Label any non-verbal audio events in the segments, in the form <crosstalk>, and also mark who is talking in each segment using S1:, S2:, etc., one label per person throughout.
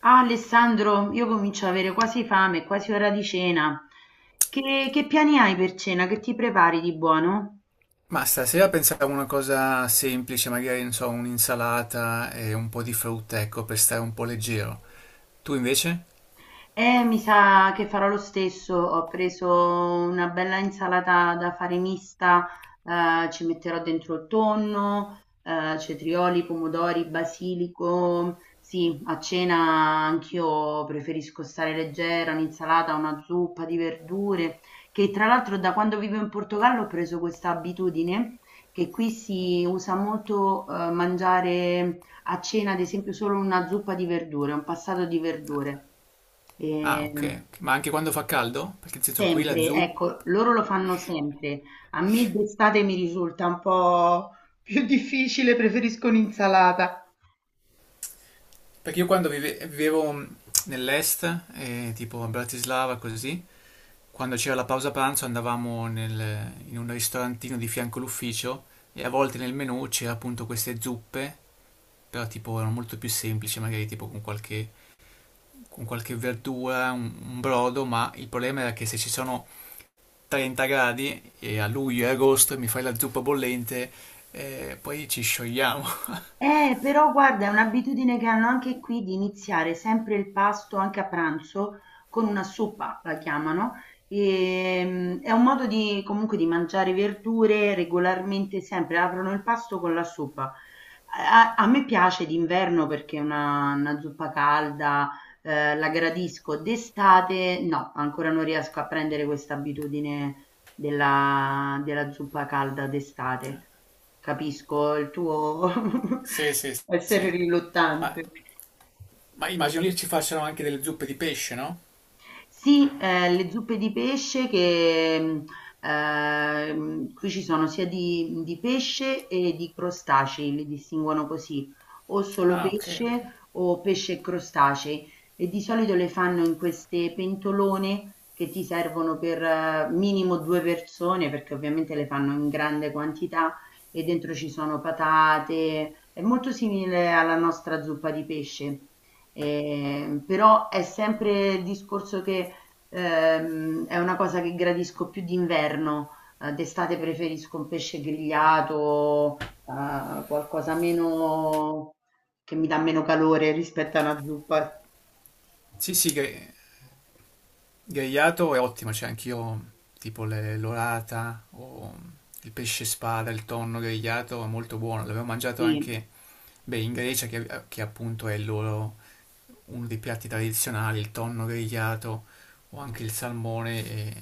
S1: Ah, Alessandro, io comincio ad avere quasi fame, è quasi ora di cena. Che piani hai per cena? Che ti prepari di buono?
S2: Ma stasera pensavo a una cosa semplice, magari, non so, un'insalata e un po' di frutta, ecco, per stare un po' leggero. Tu invece?
S1: Mi sa che farò lo stesso. Ho preso una bella insalata da fare mista, ci metterò dentro il tonno, cetrioli, pomodori, basilico. Sì, a cena anch'io preferisco stare leggera, un'insalata, una zuppa di verdure, che tra l'altro da quando vivo in Portogallo ho preso questa abitudine che qui si usa molto mangiare a cena, ad esempio, solo una zuppa di verdure, un passato di verdure.
S2: Ah,
S1: Ehm,
S2: ok. Ok. Ma anche quando fa caldo? Perché nel senso qui la
S1: sempre,
S2: zuppa...
S1: ecco, loro lo fanno sempre. A me d'estate mi risulta un po' più difficile, preferisco un'insalata.
S2: Perché io vivevo nell'est, tipo a Bratislava, così, quando c'era la pausa pranzo andavamo in un ristorantino di fianco all'ufficio e a volte nel menù c'era appunto queste zuppe, però tipo erano molto più semplici, magari tipo con qualche verdura, un brodo, ma il problema era che se ci sono 30 gradi e a luglio e agosto mi fai la zuppa bollente, poi ci sciogliamo. <laughs>
S1: Però guarda, è un'abitudine che hanno anche qui di iniziare sempre il pasto, anche a pranzo, con una zuppa, la chiamano. È un modo di, comunque di mangiare verdure regolarmente, sempre aprono il pasto con la zuppa. A me piace d'inverno perché è una zuppa calda, la gradisco. D'estate no, ancora non riesco a prendere questa abitudine della zuppa calda d'estate. Capisco il tuo, <laughs>
S2: Sì, sì, sì.
S1: essere
S2: Ma,
S1: riluttante.
S2: ma immagino lì ci facciano anche delle zuppe di pesce, no?
S1: Sì, le zuppe di pesce che qui ci sono sia di pesce e di crostacei, li distinguono così, o solo
S2: Ah, ok, ok.
S1: pesce o pesce e crostacei. E di solito le fanno in queste pentolone che ti servono per minimo due persone, perché ovviamente le fanno in grande quantità e dentro ci sono patate. È molto simile alla nostra zuppa di pesce. Però è sempre il discorso che è una cosa che gradisco più d'inverno, d'estate preferisco un pesce grigliato, qualcosa meno che mi dà meno calore rispetto a una zuppa.
S2: Sì, sì, grigliato è ottimo, c'è anch'io tipo l'orata o il pesce spada, il tonno grigliato è molto buono, l'avevo mangiato
S1: Sì.
S2: anche, beh, in Grecia che appunto è il loro uno dei piatti tradizionali, il tonno grigliato o anche il salmone, e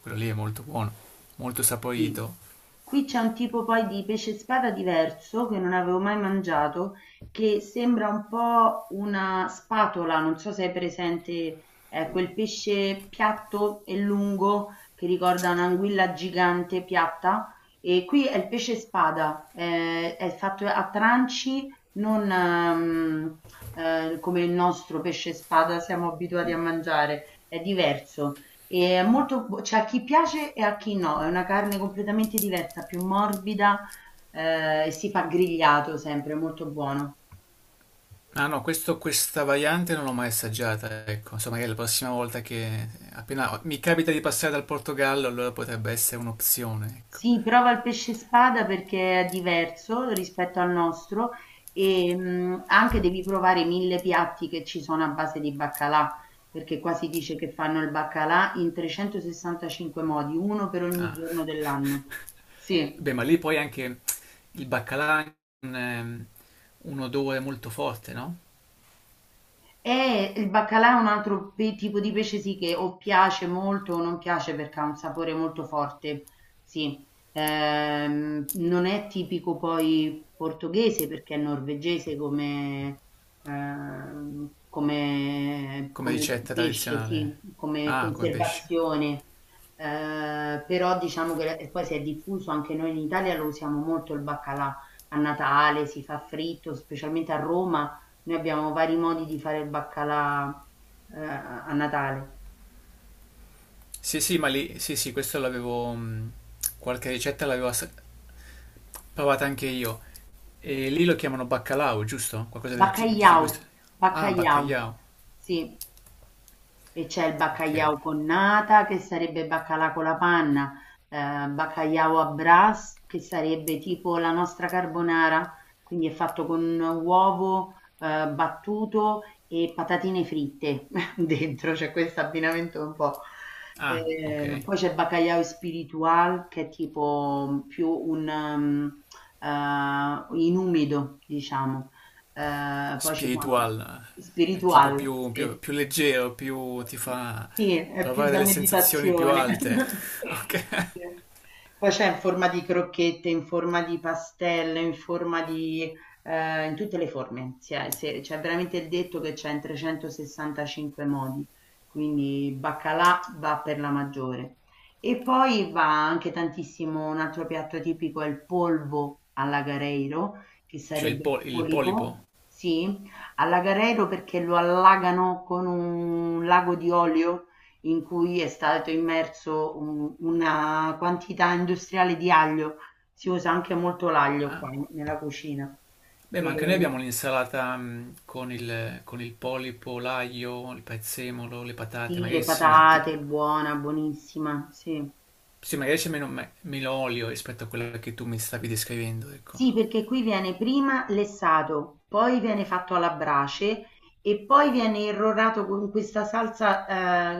S2: quello lì è molto buono, molto
S1: Sì.
S2: saporito.
S1: Qui c'è un tipo poi di pesce spada diverso, che non avevo mai mangiato, che sembra un po' una spatola, non so se hai presente, è quel pesce piatto e lungo che ricorda un'anguilla gigante piatta. E qui è il pesce spada, è fatto a tranci, non come il nostro pesce spada siamo abituati a mangiare, è diverso. E è molto, c'è a chi piace e a chi no, è una carne completamente diversa, più morbida, e si fa grigliato sempre, è molto buono.
S2: Ah no, questa variante non l'ho mai assaggiata, ecco, insomma magari la prossima volta che appena mi capita di passare dal Portogallo, allora potrebbe essere un'opzione, ecco.
S1: Sì, prova il pesce spada perché è diverso rispetto al nostro e anche devi provare i mille piatti che ci sono a base di baccalà, perché qua si dice che fanno il baccalà in 365 modi, uno per ogni
S2: Ah.
S1: giorno dell'anno. Sì.
S2: Beh, ma lì poi anche il baccalà ha un, ehm, un odore molto forte, no?
S1: Il baccalà è un altro tipo di pesce sì che o piace molto o non piace perché ha un sapore molto forte, sì. Non è tipico poi portoghese perché è norvegese come,
S2: Come
S1: come
S2: ricetta
S1: pesce,
S2: tradizionale.
S1: sì, come
S2: Ah, come pesce.
S1: conservazione. Però diciamo che e poi si è diffuso anche noi in Italia lo usiamo molto il baccalà a Natale, si fa fritto, specialmente a Roma noi abbiamo vari modi di fare il baccalà, a Natale.
S2: Sì, sì, ma lì, sì, sì, questo l'avevo, qualche ricetta l'avevo assaggiata. Provate anche io. E lì lo chiamano baccalao, giusto? Qualcosa di
S1: Baccagliau,
S2: questo. Ah,
S1: baccagliau,
S2: baccagliao.
S1: sì. E c'è il
S2: Ok, ok.
S1: baccaiau con nata, che sarebbe baccalà con la panna, baccaiau à brace, che sarebbe tipo la nostra carbonara, quindi è fatto con uovo, battuto e patatine fritte <laughs> dentro, c'è questo abbinamento un po'.
S2: Ah, ok.
S1: Poi c'è baccaiau spiritual, che è tipo più in umido, diciamo. Poi ci sono
S2: Spiritual. Eh, è tipo
S1: spiritual,
S2: più,
S1: sì.
S2: più leggero, più ti fa
S1: Sì, è più
S2: provare
S1: da
S2: delle sensazioni più
S1: meditazione.
S2: alte.
S1: <laughs>
S2: <laughs> Ok.
S1: Sì. Poi c'è in forma di crocchette, in forma di pastelle, in forma di... in tutte le forme. C'è veramente il detto che c'è in 365 modi, quindi baccalà va per la maggiore. E poi va anche tantissimo, un altro piatto tipico è il polvo alla Gareiro, che
S2: Cioè il,
S1: sarebbe il
S2: il polipo.
S1: polipo, sì, allagarello perché lo allagano con un lago di olio in cui è stato immerso una quantità industriale di aglio. Si usa anche molto l'aglio
S2: Ah.
S1: qua nella cucina.
S2: Beh, ma anche noi
S1: E,
S2: abbiamo l'insalata mm, con il polipo, l'aglio, il prezzemolo, le patate,
S1: sì,
S2: magari è
S1: le
S2: simile, tipo.
S1: patate, buona, buonissima, sì.
S2: Sì, magari c'è meno, meno olio rispetto a quella che tu mi stavi descrivendo, ecco.
S1: Sì, perché qui viene prima lessato, poi viene fatto alla brace e poi viene irrorato con questa salsa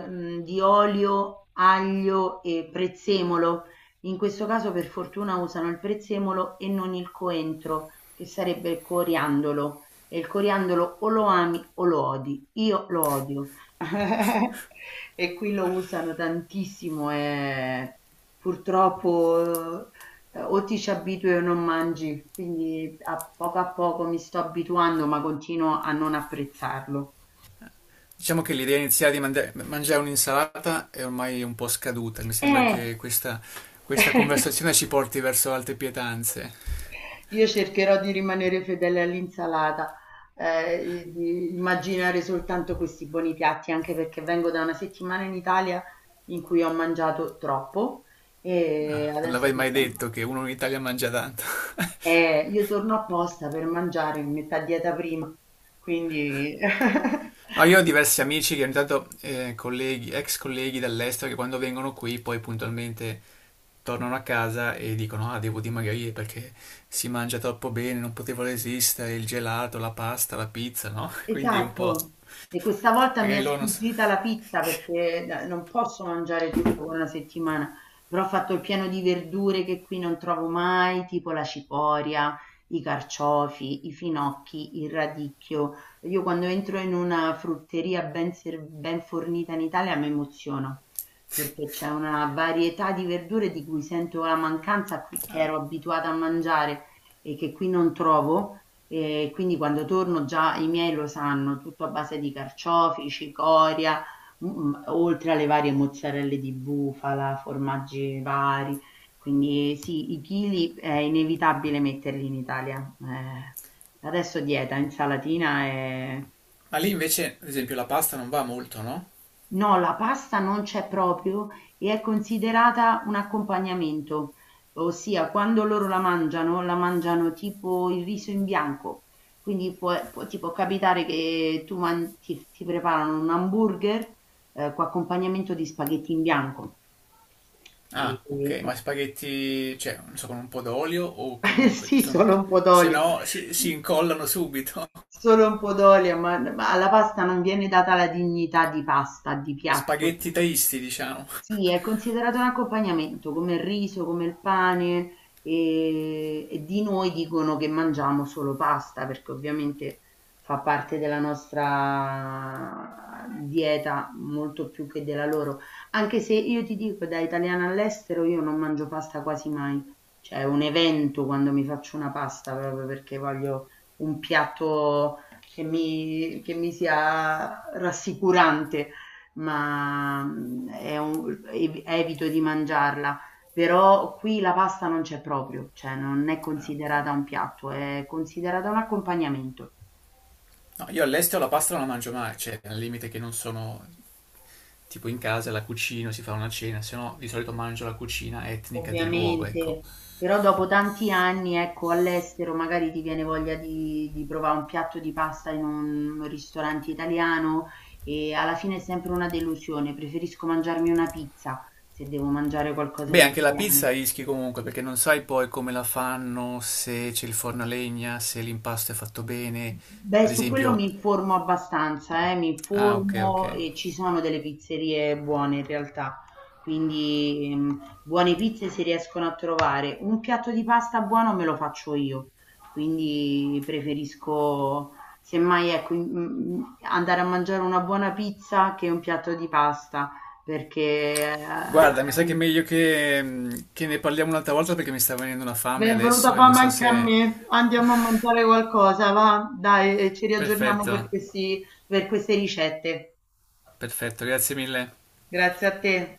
S1: di olio, aglio e prezzemolo. In questo caso per fortuna usano il prezzemolo e non il coentro, che sarebbe il coriandolo. E il coriandolo o lo ami o lo odi. Io lo odio. <laughs> E qui lo usano tantissimo e purtroppo o ti ci abitui o non mangi, quindi a poco mi sto abituando, ma continuo a non apprezzarlo.
S2: Diciamo che l'idea iniziale di mangiare un'insalata è ormai un po' scaduta, mi sembra
S1: Eh!
S2: che questa
S1: <laughs>
S2: conversazione ci porti verso altre pietanze.
S1: Io cercherò di rimanere fedele all'insalata, di immaginare soltanto questi buoni piatti, anche perché vengo da una settimana in Italia in cui ho mangiato troppo e
S2: Non
S1: adesso
S2: l'avrei
S1: che
S2: mai
S1: siamo
S2: detto che uno in Italia mangia tanto. <laughs>
S1: io torno apposta per mangiare, mi metto a dieta prima, quindi <laughs>
S2: No, io ho diversi amici che ogni tanto, colleghi, ex colleghi dall'estero, che quando vengono qui poi puntualmente tornano a casa e dicono ah, devo dimagrire perché si mangia troppo bene, non potevo resistere, il gelato, la pasta, la pizza, no? <laughs> Quindi un po'...
S1: esatto. E questa volta mi è
S2: Magari loro non... S-
S1: sfuggita la pizza perché non posso mangiare tutto con una settimana, però ho fatto il pieno di verdure che qui non trovo mai, tipo la cicoria, i carciofi, i finocchi, il radicchio. Io quando entro in una frutteria ben fornita in Italia mi emoziono perché c'è una varietà di verdure di cui sento la mancanza che ero abituata a mangiare e che qui non trovo. Quindi quando torno già i miei lo sanno, tutto a base di carciofi, cicoria, mhmm, oltre alle varie mozzarelle di bufala, formaggi vari. Quindi sì, i chili è inevitabile metterli in Italia. Adesso dieta, insalatina e
S2: ma lì invece, ad esempio, la pasta non va molto, no?
S1: no, la pasta non c'è proprio e è considerata un accompagnamento, ossia quando loro la mangiano tipo il riso in bianco. Quindi ti può capitare che tu ti, ti preparano un hamburger con accompagnamento di spaghetti in bianco. E-
S2: Ah,
S1: e-
S2: ok, ma spaghetti, cioè, non so, con un po' d'olio o
S1: eh, <laughs>
S2: comunque
S1: sì,
S2: sono...
S1: solo un po'
S2: Se
S1: d'olio,
S2: no, si incollano subito.
S1: solo un po' d'olio, ma alla pasta non viene data la dignità di pasta, di
S2: <laughs>
S1: piatto.
S2: Spaghetti taisti, diciamo.
S1: Sì, è considerato un accompagnamento, come il riso, come il pane, e di noi dicono che mangiamo solo pasta, perché ovviamente fa parte della nostra dieta molto più che della loro. Anche se io ti dico, da italiana all'estero, io non mangio pasta quasi mai. Cioè, è un evento quando mi faccio una pasta, proprio perché voglio un piatto che mi sia rassicurante ma mhmm, è un evito di mangiarla, però qui la pasta non c'è proprio, cioè non è
S2: Ah, ok.
S1: considerata un piatto, è considerata un accompagnamento.
S2: No, io all'estero la pasta non la mangio mai, cioè, al limite che non sono... Tipo in casa la cucino, si fa una cena, se no di solito mangio la cucina etnica del luogo, ecco.
S1: Ovviamente, però dopo tanti anni, ecco, all'estero magari ti viene voglia di provare un piatto di pasta in un ristorante italiano e alla fine è sempre una delusione, preferisco mangiarmi una pizza se devo mangiare qualcosa
S2: Beh,
S1: di
S2: anche la pizza
S1: italiano.
S2: rischi comunque, perché non sai poi come la fanno, se c'è il forno a legna, se l'impasto è fatto bene.
S1: Beh,
S2: Ad
S1: su quello
S2: esempio...
S1: mi informo abbastanza, mi
S2: Ah, ok, ok.
S1: informo e ci sono delle pizzerie buone in realtà, quindi buone pizze si riescono a trovare. Un piatto di pasta buono me lo faccio io, quindi preferisco semmai ecco, andare a mangiare una buona pizza che un piatto di pasta, perché
S2: Guarda, mi sa che è
S1: eh,
S2: meglio che, che ne parliamo un'altra volta perché mi sta venendo una fame
S1: benvenuta
S2: adesso e non
S1: fame
S2: so
S1: anche a
S2: se...
S1: me. Andiamo a mangiare qualcosa, va? Dai, e ci riaggiorniamo
S2: Perfetto,
S1: per per queste ricette.
S2: perfetto, grazie mille.
S1: Grazie a te.